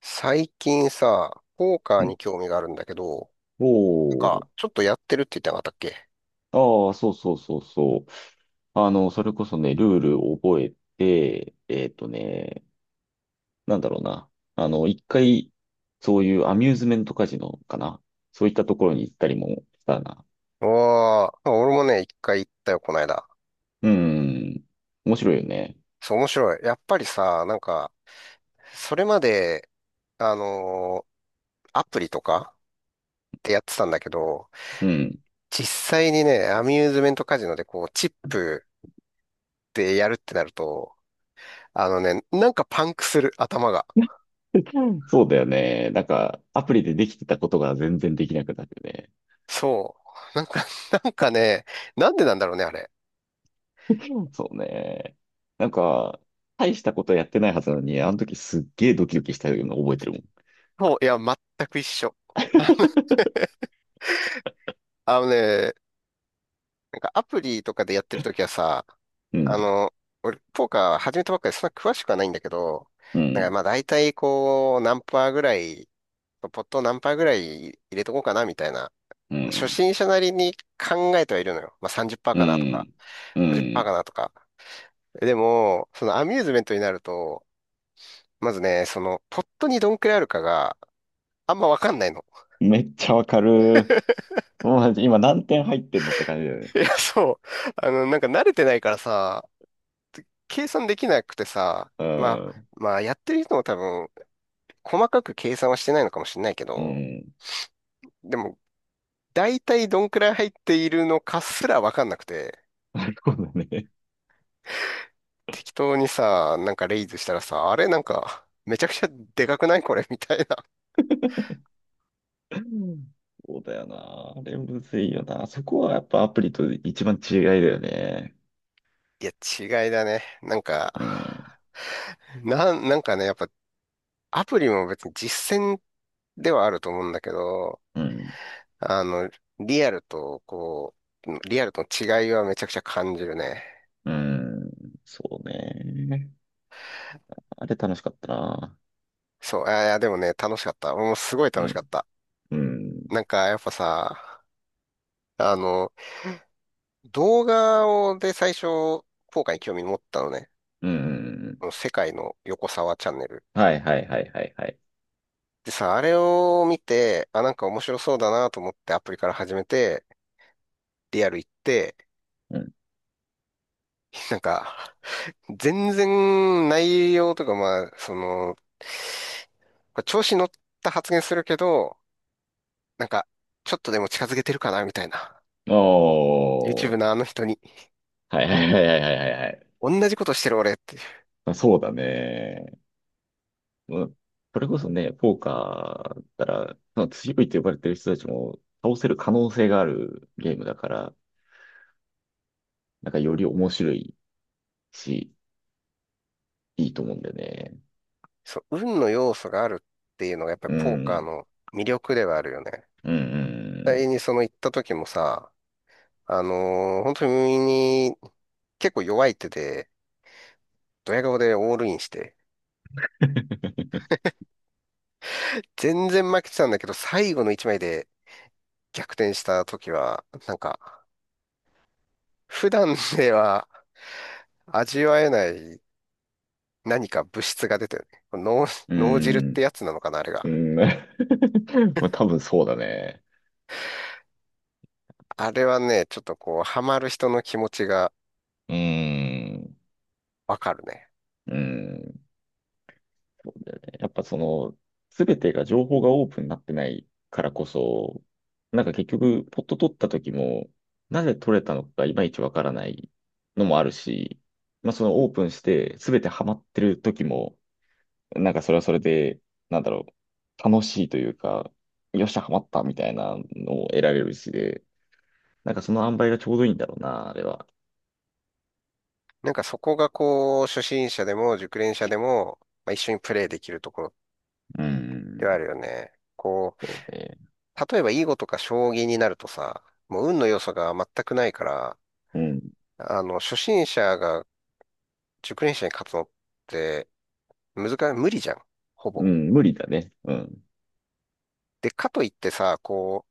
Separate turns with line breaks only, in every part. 最近さ、ポーカ
う
ー
ん。
に興味があるんだけど、
お
なん
ー。
か、ちょっとやってるって言ってなかったっけ？
ああ、そうそうそうそう。あの、それこそね、ルールを覚えて、なんだろうな。あの、一回、そういうアミューズメントカジノかな。そういったところに行ったりもしたな。
おー、俺もね、一回行ったよ、この間。
うん。面白いよね。
そう、面白い。やっぱりさ、なんか、それまで、あのアプリとかってやってたんだけど、
うん。
実際にね、アミューズメントカジノでこう、チップでやるってなると、あのね、なんかパンクする、頭が。
そうだよね。なんか、アプリでできてたことが全然できなくなるよね。
そう。なんかね、なんでなんだろうね、あれ。
そうね。なんか、大したことやってないはずなのに、あの時すっげえドキドキしたのを覚えてるもん。
そう、いや、全く一緒。あのね、なんかアプリとかでやってるときはさ、
う
あ
ん、
の、俺、ポーカー始めたばっかりでそんな詳しくはないんだけど、
う
なんか
ん、
まあ大体こう、何パーぐらい、ポットを何パーぐらい入れとこうかなみたいな、
う
初
ん、
心者なりに考えてはいるのよ。まあさんじゅっパーセン
う
トかなとか、
ん、うん。
50%かなとか。でも、そのアミューズメントになると、まずね、その、ポットにどんくらいあるかが、あんまわかんないの。
めっちゃわかる。もう今何点入ってんのって感じだよね。
いや、そう。なんか慣れてないからさ、計算できなくてさ、
う
まあ、
ん、
まあ、やってる人も多分細かく計算はしてないのかもしれないけ
う
ど、
ん。
でも、大体どんくらい入っているのかすらわかんなくて、
なるほどね。
適当にさ、なんかレイズしたらさ、あれなんか、めちゃくちゃでかくないこれみたいな。
うんそうだよな。あれむずいよな。そこはやっぱアプリと一番違いだよね。
いや、違いだね。なんか、
うん、
なん、なんかね、やっぱ、アプリも別に実践ではあると思うんだけど、
うん、
あの、リアルと、こリアルとの違いはめちゃくちゃ感じるね。
うん。そうね。あれ楽しかったな。
そう、あいや、でもね、楽しかった。もうすごい
う
楽しかっ
ん、
た。
うん、
なんか、やっぱさ、あの、動画をで最初、効果に興味持ったのね。
うん。
この世界の横沢チャンネル。
はいはいはいはいはい。
でさ、あれを見て、あ、なんか面白そうだなと思ってアプリから始めて、リアル行って、
うん。
なんか、全然内容とか、まあ、その、これ調子乗った発言するけど、なんか、ちょっとでも近づけてるかなみたいな。
お
YouTube
ー。
のあの人に。
はいはいはいはいはいはいはい。
同じことしてる俺っていう。
まあ、そうだね。うん、それこそね、ポーカーだったら、まあ強いと呼ばれてる人たちも倒せる可能性があるゲームだから、なんかより面白いし、いいと思うんだよね。
そう、運の要素があるっていうのがやっぱ
う
りポーカー
ん。
の魅力ではあるよね。
う
実
ん。
際にその行った時もさ、本当に結構弱い手で、ドヤ顔でオールインして、
うん。
全然負けてたんだけど、最後の一枚で逆転した時は、なんか、普段では味わえない何か物質が出てるね。
う
脳汁って
ん。
やつなのかな、あれ
う
が。
ん まあ、多分そうだね。
あれはね、ちょっとこう、ハマる人の気持ちが
うん。
わかるね。
うん。そうだよね。やっぱその、すべてが情報がオープンになってないからこそ、なんか結局、ポット取った時も、なぜ取れたのかいまいちわからないのもあるし、まあそのオープンしてすべてハマってる時も、なんかそれはそれで、なんだろう、楽しいというか、よっしゃ、ハマったみたいなのを得られるしで、なんかその塩梅がちょうどいいんだろうな、あれは。
なんかそこがこう、初心者でも熟練者でも、まあ、一緒にプレイできるところ
う
で
ん。
はあるよね。こう
そうね。
例えば囲碁とか将棋になるとさ、もう運の要素が全くないから、
うん。
初心者が熟練者に勝つのって難い、無理じゃん。ほ
う
ぼ。
ん、無理だね。うん。
で、かといってさ、こう、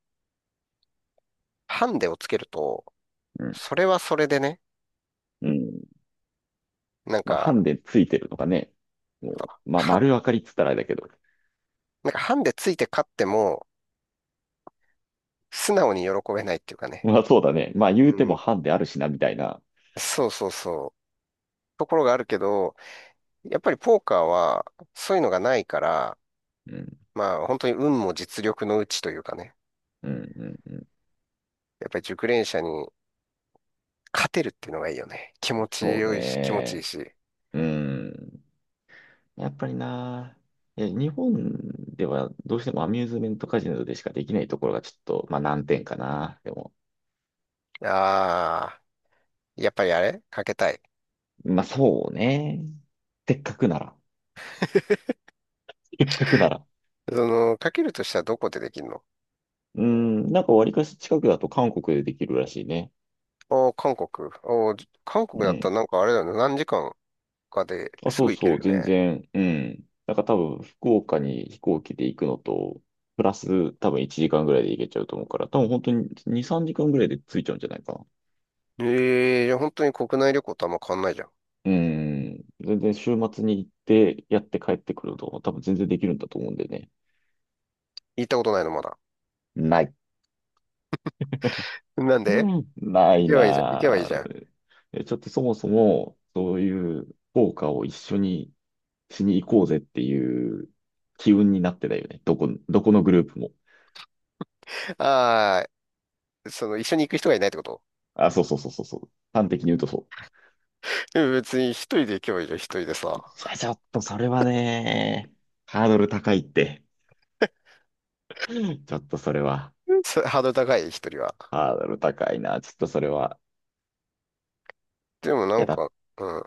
ハンデをつけると、
うん。
それはそれでね、
うん
なん
まあ、ハ
か、
ンデついてるのがね、もう、
は、
まあ、丸分かりっつったらあれだけど。
なんかハンデついて勝っても、素直に喜べないっていうかね。
まあ、そうだね。まあ、言うて
う
も
ん。
ハンデあるしな、みたいな。
そうそうそう。ところがあるけど、やっぱりポーカーは、そういうのがないから、
うん、
まあ、本当に運も実力のうちというかね。
うん、うん、うん。
やっぱり熟練者に勝てるっていうのがいいよね。気持ち
そう
良いし、気持ちいい
ね。
し。
うん。やっぱりな。いや日本ではどうしてもアミューズメントカジノでしかできないところがちょっと、まあ、難点かな。でも、
ああ、やっぱりあれかけたい。
まあ、そうね。せっかくなら。せっかくなら。
その、かけるとしたらどこでできるの？
うん、なんか割かし近くだと韓国でできるらしいね。
おー、韓国。おー、韓国だ
う
った
ん
らなんかあれだよね。何時間かで
あ、
す
そう
ぐ行け
そ
る
う、
よ
全
ね。
然、うん。なんか多分、福岡に飛行機で行くのと、プラス多分1時間ぐらいで行けちゃうと思うから、多分本当に2、3時間ぐらいで着いちゃうんじゃないかな。
ええー、じゃあ本当に国内旅行とあんま変わんないじゃん。
うん。全然週末に行って、やって帰ってくると、多分全然できるんだと思うんでね。
行ったことないのまだ。
ない。
なんで
うんな
行
い
けばいいじゃん。行
な
けばいいじゃん。
ぁ。えちょっとそもそも、そういう福岡を一緒にしに行こうぜっていう機運になってたよね。どこ、どこのグループも。
ああ、その、一緒に行く人がいないってこと？
あ、そうそうそうそうそう。端的に言うとそう。
でも別に一人で行けばいいじゃん、一人で
い
さ。
や、ちょっとそれはね、ハードル高いって。ちょっとそれは、
ハードル高い、一人は。
ハードル高いな。ちょっとそれは、
でもな
いや、
ん
だっ
か、うん。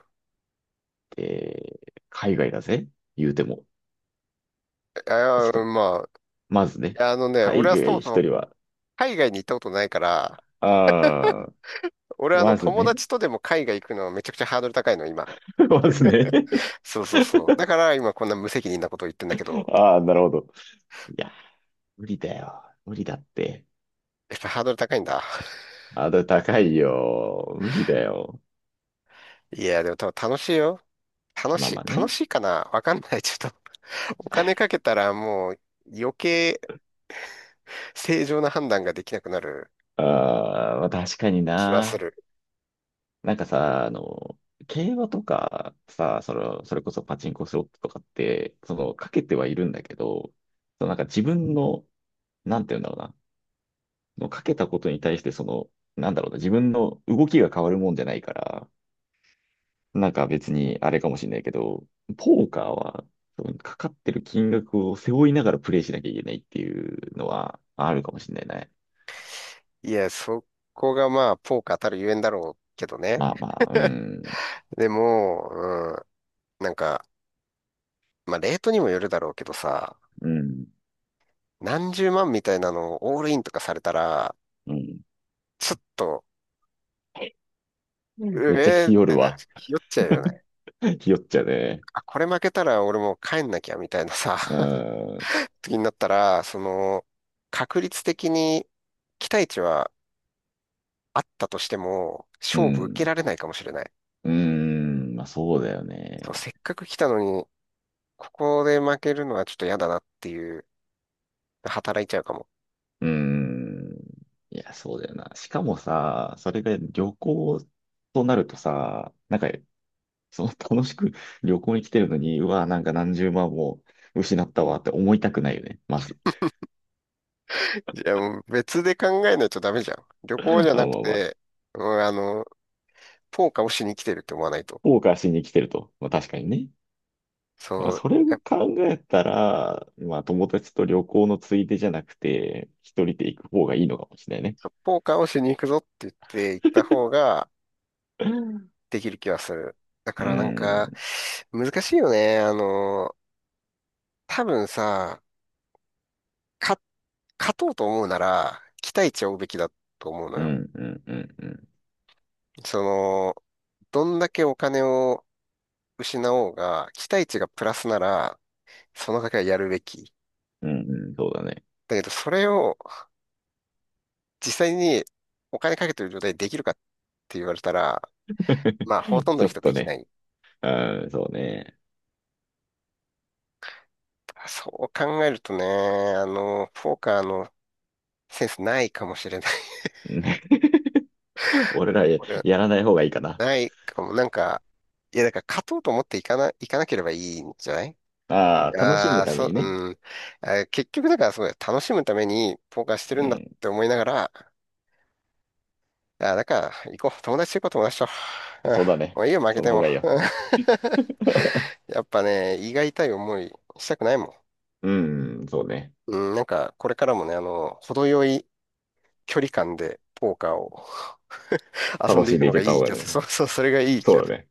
て、海外だぜ言うても。ちょっ
あ
と、
あ、まあ、
まずね、
いや、あのね、俺
海
はそ
外
もそ
一
も
人は、
海外に行ったことないから、
ああ、
俺はあの
まず
友
ね、
達とでも海外行くのはめちゃくちゃハードル高いの、今。
まずね。
そうそうそう。だから今こんな無責任なことを言ってんだけど、
ああ、なるほど。いや、無理だよ。無理だって。
やっぱハードル高いんだ。
ハードル高いよ。無理だよ。
いや、でも多分楽しいよ。楽
まあ
し
ま
い、
あ
楽
ね。
しいかなわかんない。ちょっと お金かけたらもう余計正常な判断ができなくなる
ああ、まあ確かに
気はす
な。
る。
なんかさ、あの、競馬とかさ、それ、それこそパチンコスロットとかって、その、かけてはいるんだけど、そのなんか自分の、なんて言うんだろうな、そのかけたことに対して、その、なんだろうな、自分の動きが変わるもんじゃないから、なんか別にあれかもしれないけど、ポーカーは、そのかかってる金額を背負いながらプレイしなきゃいけないっていうのはあるかもしれないね。
いや、そこがまあ、ポーカーたるゆえんだろうけどね。
まあまあ、うん、
でも、うん、なんか、まあ、レートにもよるだろうけどさ、
うん、
何十万みたいなのをオールインとかされたら、
うん。
ちょっと、う
めっちゃ
えー
日
っ
和る
てな、
わ。
ひよっちゃうよね。
日和っちゃうね。
あ、これ負けたら俺もう帰んなきゃみたいなさ、
うーん、
時になったら、その、確率的に期待値はあったとしても、
う
勝負受
ん、
けられないかもしれない。
うーん、まあそうだよ
そう、
ね。
せっかく来たのに、ここで負けるのはちょっと嫌だなっていう、働いちゃうかも。
うーん、いや、そうだよな。しかもさ、それが旅行となるとさ、なんか、その楽しく旅行に来てるのに、うわ、なんか何十万も失ったわって思いたくないよね、まず。
いや、もう別で考えないとダメじゃん。旅行じ ゃ
あ、まあ
なく
まあ、
て、うん、ポーカーをしに来てるって思わないと。
後悔しに来てると。まあ確かにね。まあ
そう。
それを考えたら、まあ友達と旅行のついでじゃなくて、一人で行く方がいいのかもしれないね。
そうポーカーをしに行くぞって言って行った方ができる気はする。だ
う
からなんか、
ん。
難しいよね。多分さ、か、勝とうと思うなら、期待値を追うべきだと思うの
う
よ。
ん、うん、うん、うん。
その、どんだけお金を失おうが、期待値がプラスなら、その賭けはやるべき。
うん、うんそうだね。
だけど、それを実際にお金かけてる状態でできるかって言われたら、まあ、ほと んど
ち
の
ょっ
人で
と
きな
ね。
い。
うん、そうね。
そう考えるとね、ポーカーのセンスないかもしれない
う ん 俺らや、
俺は
やらない方がいいかな。
ないかも。なんか、いや、だから勝とうと思っていかなければいいんじゃない？
ああ、楽し
あ
む
あー、
た
そ
め
う、
にね。
うん。結局だからそうだよ。楽しむためにポーカーしてる
う
んだっ
ん、
て思いながら、だから行こう。友達と行こう、友達と。うん。
そうだね。
もういいよ、負け
その
て
方
も。
がいいよ。
うん やっぱね、胃が痛い思いしたくないも
うん、そうね。
ん。うん、なんか、これからもね、程よい距離感でポーカーを 遊ん
楽
で
し
い
ん
く
でい
の
け
が
た
い
方
い気
が
がする。そ
ね。
うそう、それがいい気
そ
が
う
す
だ
る。
ね。